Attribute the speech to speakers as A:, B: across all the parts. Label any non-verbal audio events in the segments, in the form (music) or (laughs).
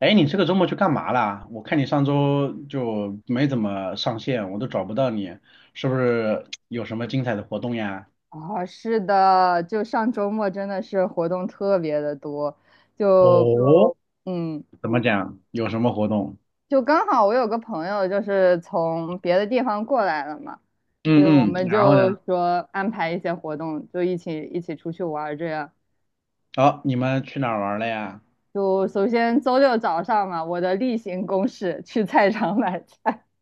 A: 哎，你这个周末去干嘛啦？我看你上周就没怎么上线，我都找不到你，是不是有什么精彩的活动呀？
B: 啊，是的，就上周末真的是活动特别的多，就，
A: 哦，
B: 嗯，
A: 怎么讲？有什么活动？
B: 就刚好我有个朋友就是从别的地方过来了嘛，所以我
A: 嗯嗯，
B: 们
A: 然后
B: 就
A: 呢？
B: 说安排一些活动，就一起出去玩儿这样。
A: 好、你们去哪儿玩了呀？
B: 就首先周六早上嘛，我的例行公事去菜场买菜。(laughs)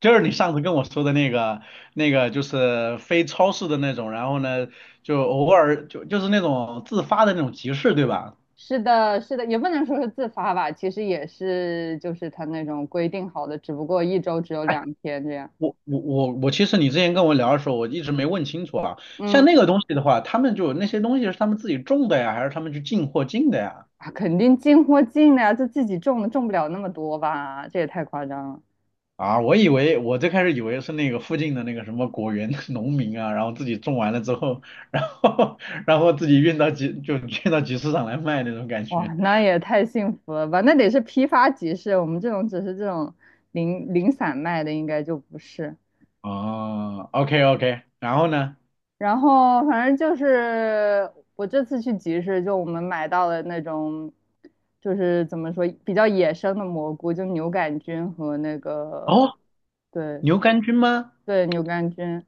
A: 就是你上次跟我说的那个，那个就是非超市的那种，然后呢，就偶尔就是那种自发的那种集市，对吧？
B: 是的，是的，也不能说是自发吧，其实也是就是他那种规定好的，只不过一周只有2天这样。
A: 我，其实你之前跟我聊的时候，我一直没问清楚啊。像
B: 嗯，
A: 那个东西的话，他们就那些东西是他们自己种的呀，还是他们去进货进的呀？
B: 啊，肯定进货进的呀，就自己种的，种不了那么多吧？这也太夸张了。
A: 啊，我以为我最开始以为是那个附近的那个什么果园 (laughs) 农民啊，然后自己种完了之后，然后 (laughs) 然后自己运到集市上来卖那种感
B: 哇，
A: 觉。
B: 那也太幸福了吧？那得是批发集市，我们这种只是这种零零散卖的，应该就不是。
A: 哦，OK OK，然后呢？
B: 然后反正就是我这次去集市，就我们买到了那种，就是怎么说比较野生的蘑菇，就牛肝菌和那个。
A: 哦，
B: 对
A: 牛肝菌吗？
B: 对，牛肝菌，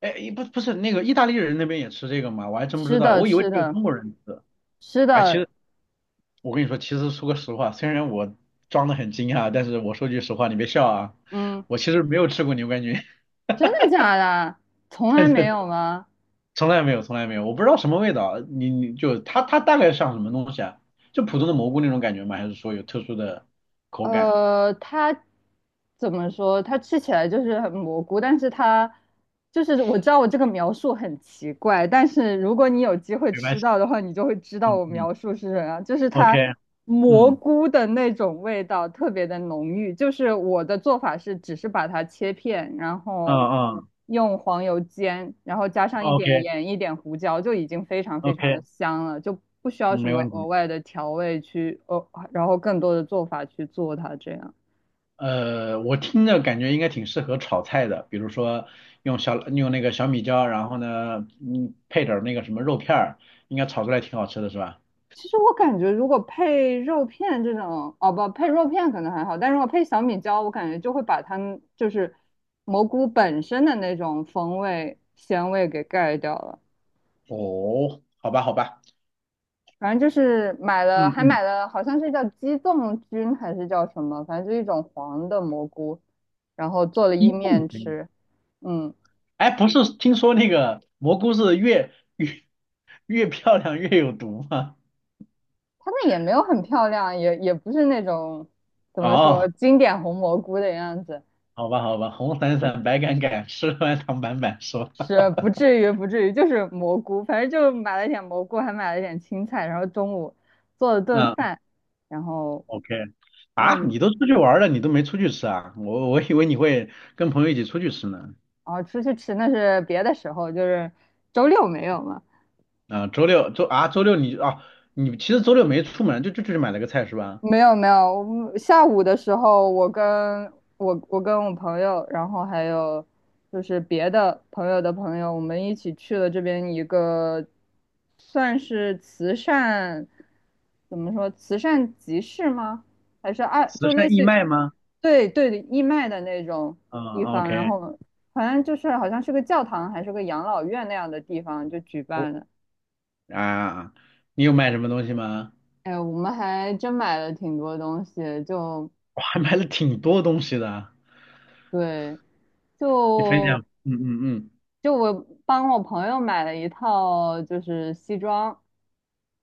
A: 哎，不是那个意大利人那边也吃这个吗？我还真不知
B: 吃
A: 道，
B: 的
A: 我以为
B: 吃
A: 只有
B: 的
A: 中国人吃。
B: 吃
A: 哎，其
B: 的。
A: 实。我跟你说，其实说个实话，虽然我装的很惊讶，但是我说句实话，你别笑啊，
B: 嗯，
A: 我其实没有吃过牛肝菌，(laughs)
B: 真的假的？从来没有吗？
A: 从来没有，从来没有，我不知道什么味道。你就它大概像什么东西啊？就普通的蘑菇那种感觉吗？还是说有特殊的口感？
B: 它怎么说？它吃起来就是很蘑菇，但是它就是我知道我这个描述很奇怪，但是如果你有机会
A: 没关
B: 吃
A: 系，
B: 到的话，你就会知道
A: 嗯
B: 我
A: 嗯
B: 描述是什么样，就是
A: ，OK，
B: 它蘑
A: 嗯
B: 菇的那种味道特别的浓郁。就是我的做法是，只是把它切片，然
A: 嗯
B: 后
A: 嗯
B: 用黄油煎，然后加上一
A: ，OK
B: 点盐、一点胡椒，就已经非常非常的
A: OK，
B: 香了，就不需要
A: 嗯
B: 什
A: 没
B: 么
A: 问题。
B: 额外的调味去，哦，然后更多的做法去做它这样。
A: 我听着感觉应该挺适合炒菜的，比如说用那个小米椒，然后呢，嗯，配点儿那个什么肉片儿，应该炒出来挺好吃的是吧？
B: 其实我感觉，如果配肉片这种，哦不，配肉片可能还好，但如果配小米椒，我感觉就会把它们就是蘑菇本身的那种风味、鲜味给盖掉了。
A: 哦，好吧，好吧，
B: 反正就是买了，
A: 嗯
B: 还
A: 嗯，
B: 买了，好像是叫鸡枞菌还是叫什么，反正就一种黄的蘑菇，然后做了
A: 一
B: 意
A: 共
B: 面
A: 可以。
B: 吃。嗯，
A: 哎，不是听说那个蘑菇是越漂亮越有毒吗？
B: 它那也没有很漂亮，也不是那种怎么说
A: 哦，
B: 经典红蘑菇的样子，
A: 好吧，好吧，红伞伞，白杆杆，吃完躺板板，说，
B: 是不至于不至于，就是蘑菇。反正就买了点蘑菇，还买了点青菜，然后中午做了顿
A: 嗯
B: 饭，然后
A: ，OK，
B: 让我
A: 啊，
B: 们
A: 你都出去玩了，你都没出去吃啊？我以为你会跟朋友一起出去吃呢。
B: 然后出去吃，那是别的时候，就是周六没有嘛。
A: 啊，周六周啊，周六你啊，你其实周六没出门，就去买了个菜是吧？
B: 没有没有，我们下午的时候，我跟我朋友，然后还有就是别的朋友的朋友，我们一起去了这边一个算是慈善，怎么说慈善集市吗？还是
A: 慈
B: 就
A: 善
B: 类
A: 义
B: 似于
A: 卖吗？
B: 对对的义卖的那种
A: 嗯
B: 地方，然
A: ，OK，
B: 后反正就是好像是个教堂还是个养老院那样的地方就举
A: 我
B: 办了。
A: 啊，你有卖什么东西吗？
B: 哎，我们还真买了挺多东西。就
A: 我还买了挺多东西的。
B: 对，
A: 你分享，
B: 就
A: 嗯嗯嗯，
B: 就我帮我朋友买了一套，就是西装，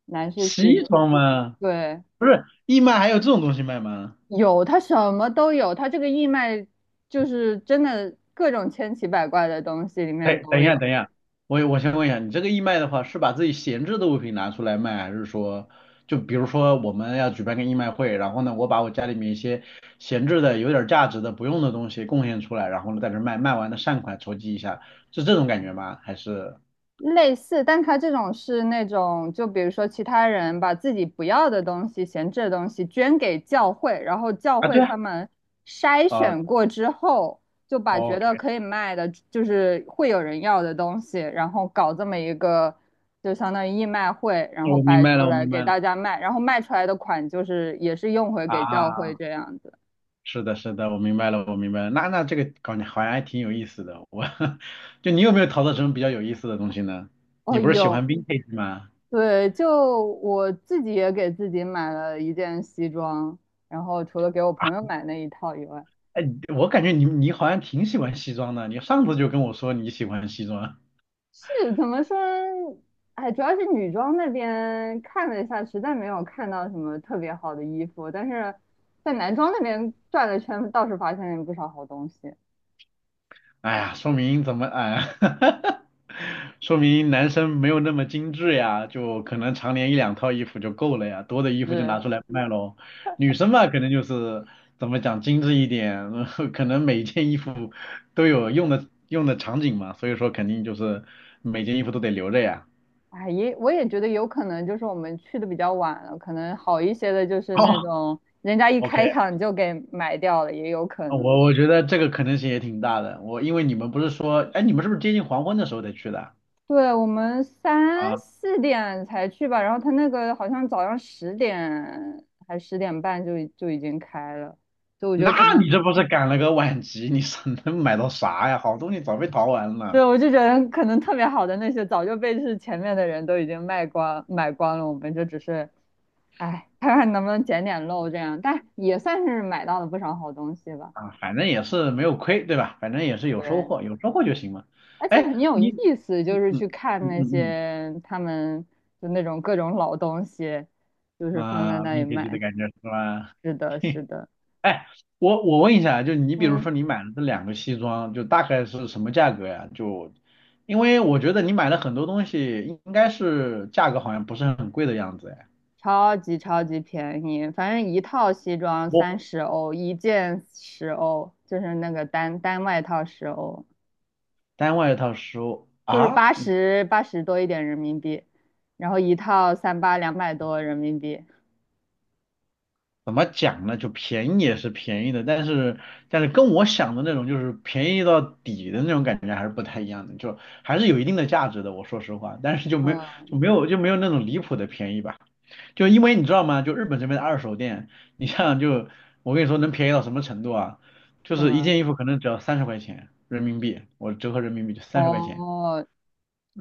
B: 男士西
A: 西
B: 装。
A: 装吗？
B: 对，
A: 不是，义卖还有这种东西卖吗？
B: 有，它什么都有，它这个义卖就是真的各种千奇百怪的东西里面
A: 哎，等
B: 都
A: 一
B: 有。
A: 下，等一下，我先问一下，你这个义卖的话，是把自己闲置的物品拿出来卖，还是说，就比如说我们要举办个义卖会，然后呢，我把我家里面一些闲置的、有点价值的、不用的东西贡献出来，然后呢，在这卖，卖完的善款筹集一下，是这种感觉吗？还是
B: 类似，但它这种是那种，就比如说其他人把自己不要的东西、闲置的东西捐给教会，然后教
A: 啊，
B: 会
A: 对啊，
B: 他们筛
A: 啊
B: 选过之后，就把觉得
A: ，OK，
B: 可以卖的，就是会有人要的东西，然后搞这么一个，就相当于义卖会，然后
A: 我明
B: 摆
A: 白
B: 出
A: 了，我
B: 来
A: 明
B: 给
A: 白了
B: 大家卖，然后卖出来的款就是也是用回给教会
A: 啊。
B: 这样子。
A: 是的，是的，我明白了，我明白了。那这个搞觉好像还挺有意思的。我 (laughs) 就你有没有淘到什么比较有意思的东西呢？
B: 哦，
A: 你不是喜欢
B: 有。
A: vintage 吗？
B: 对，就我自己也给自己买了一件西装，然后除了给我
A: 啊
B: 朋友买那一套以外，
A: 哎，我感觉你好像挺喜欢西装的，你上次就跟我说你喜欢西装。
B: 是怎么说呢？哎，主要是女装那边看了一下，实在没有看到什么特别好的衣服，但是在男装那边转了圈，倒是发现了不少好东西。
A: 哎呀，说明怎么哎，(laughs) 说明男生没有那么精致呀，就可能常年一两套衣服就够了呀，多的衣服就拿
B: 是，
A: 出来卖喽。女生嘛，可能就是怎么讲精致一点，(laughs) 可能每件衣服都有用的场景嘛，所以说肯定就是每件衣服都得留着呀。
B: 哎，我也觉得有可能就是我们去的比较晚了，可能好一些的就是那
A: 哦
B: 种人家一
A: ，OK，
B: 开场就给买掉了，也有可
A: 啊
B: 能。
A: 我觉得这个可能性也挺大的。我因为你们不是说，哎，你们是不是接近黄昏的时候才去的
B: 对，我们
A: 啊？
B: 3、4点才去吧，然后他那个好像早上十点还10点半就已经开了，所以我觉得
A: 那
B: 可能，
A: 你这不是赶了个晚集？你是能买到啥呀？好东西早被淘完了
B: 对，我就觉得可能特别好的那些早就被是前面的人都已经卖光买光了，我们就只是，哎，看看能不能捡点漏这样，但也算是买到了不少好东西吧。
A: 啊，反正也是没有亏，对吧？反正也是有收
B: 对，
A: 获，有收获就行嘛。
B: 而且
A: 哎，
B: 很有
A: 你，
B: 意思，就
A: 嗯
B: 是
A: 嗯
B: 去看
A: 嗯
B: 那
A: 嗯，
B: 些他们就那种各种老东西，就
A: 嗯，
B: 是放在
A: 啊，
B: 那里
A: 明天就的
B: 卖。
A: 感觉是吧？
B: 是的，是的。
A: 哎，我问一下，就你比如
B: 嗯。
A: 说你买了这两个西装，就大概是什么价格呀？就因为我觉得你买了很多东西，应该是价格好像不是很贵的样子哎。
B: 超级超级便宜，反正一套西装
A: 我
B: 30欧，一件十欧，就是那个单单外套十欧，
A: 单外套十五
B: 就是
A: 啊？
B: 八十多一点人民币，然后一套三八200多人民币。
A: 怎么讲呢？就便宜也是便宜的，但是跟我想的那种就是便宜到底的那种感觉还是不太一样的，就还是有一定的价值的。我说实话，但是就没有
B: 嗯，
A: 就没有就没有那种离谱的便宜吧。就因为你知道吗？就日本这边的二手店，你像就我跟你说能便宜到什么程度啊？就
B: 什
A: 是一
B: 么？
A: 件衣服可能只要三十块钱人民币，我折合人民币就三十块钱，
B: 哦，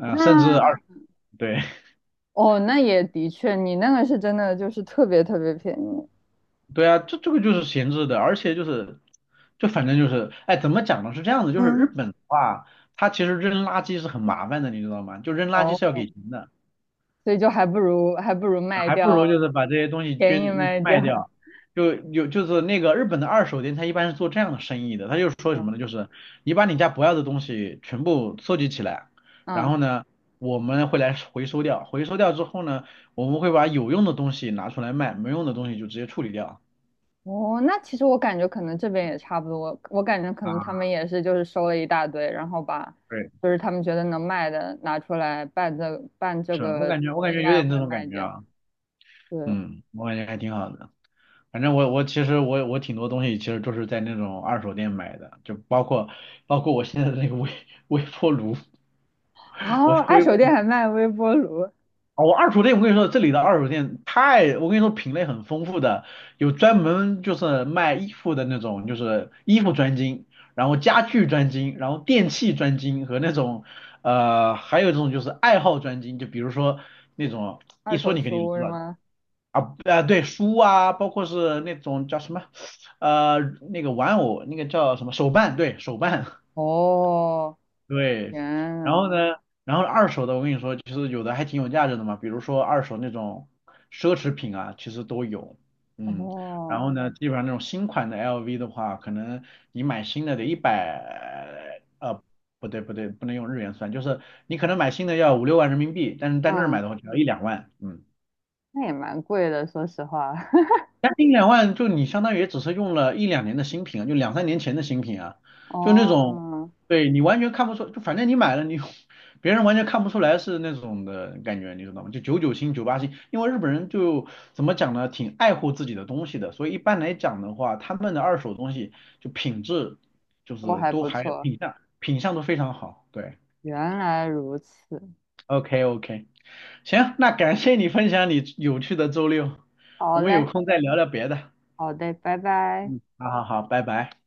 A: 啊、甚至二
B: 那
A: 十，对，
B: 哦那也的确，你那个是真的就是特别特别便宜。
A: 对啊，这个就是闲置的，而且就是，就反正就是，哎，怎么讲呢？是这样子，就是日
B: 嗯，
A: 本的话，它其实扔垃圾是很麻烦的，你知道吗？就扔垃圾
B: 哦，
A: 是要给钱的，
B: 所以就还不如
A: 啊
B: 卖
A: 还不
B: 掉，
A: 如就是把这些东西
B: 便宜卖掉。
A: 卖掉。就有就是那个日本的二手店，它一般是做这样的生意的，它就是
B: (laughs)
A: 说什么
B: 嗯
A: 呢？就是你把你家不要的东西全部收集起来，然
B: 嗯。
A: 后呢，我们会来回收掉，回收掉之后呢，我们会把有用的东西拿出来卖，没用的东西就直接处理掉。
B: 哦，那其实我感觉可能这边也差不多，我感觉可能他
A: 啊，
B: 们也是就是收了一大堆，然后把
A: 对。
B: 就是他们觉得能卖的拿出来办这办这
A: 是我
B: 个
A: 感觉我感
B: 义
A: 觉有
B: 卖
A: 点那
B: 会
A: 种感
B: 卖
A: 觉
B: 掉。
A: 啊，
B: 对。
A: 嗯，我感觉还挺好的。反正我其实挺多东西其实都是在那种二手店买的，就包括我现在的那个微波炉，(laughs) 我
B: 啊，
A: 的
B: 二
A: 微
B: 手
A: 波
B: 店
A: 炉
B: 还卖微波炉、
A: 啊，我二手店我跟你说，这里的二手店太，我跟你说品类很丰富的，有专门就是卖衣服的那种，就是衣服专精，然后家具专精，然后电器专精和那种还有这种就是爱好专精，就比如说那种一
B: 二
A: 说
B: 手
A: 你肯定就
B: 书
A: 知
B: 是
A: 道。
B: 吗？
A: 啊，对，书啊，包括是那种叫什么，呃，那个玩偶，那个叫什么手办，对，手办，
B: 哦，
A: (laughs) 对。
B: 天
A: 然
B: 呐。
A: 后呢，然后二手的，我跟你说，其实有的还挺有价值的嘛，比如说二手那种奢侈品啊，其实都有，嗯。然
B: 哦，
A: 后呢，基本上那种新款的 LV 的话，可能你买新的得100，不对不对，不能用日元算，就是你可能买新的要五六万人民币，但是在那儿买
B: 嗯，
A: 的话只要一两万，嗯。
B: 那也蛮贵的，说实话。(laughs)
A: 将近两万，就你相当于也只是用了一两年的新品啊，就两三年前的新品啊，就那种，
B: 哦，
A: 对你完全看不出，就反正你买了你，(laughs) 别人完全看不出来是那种的感觉，你知道吗？就九九新、九八新，因为日本人就怎么讲呢，挺爱护自己的东西的，所以一般来讲的话，他们的二手东西就品质就
B: 都
A: 是
B: 还
A: 都
B: 不
A: 还
B: 错，
A: 品相都非常好，对
B: 原来如此。
A: ，OK OK，行，那感谢你分享你有趣的周六，我
B: 好
A: 们有
B: 嘞，
A: 空再聊聊别的，
B: 好的，拜拜。
A: 嗯，好好好，拜拜。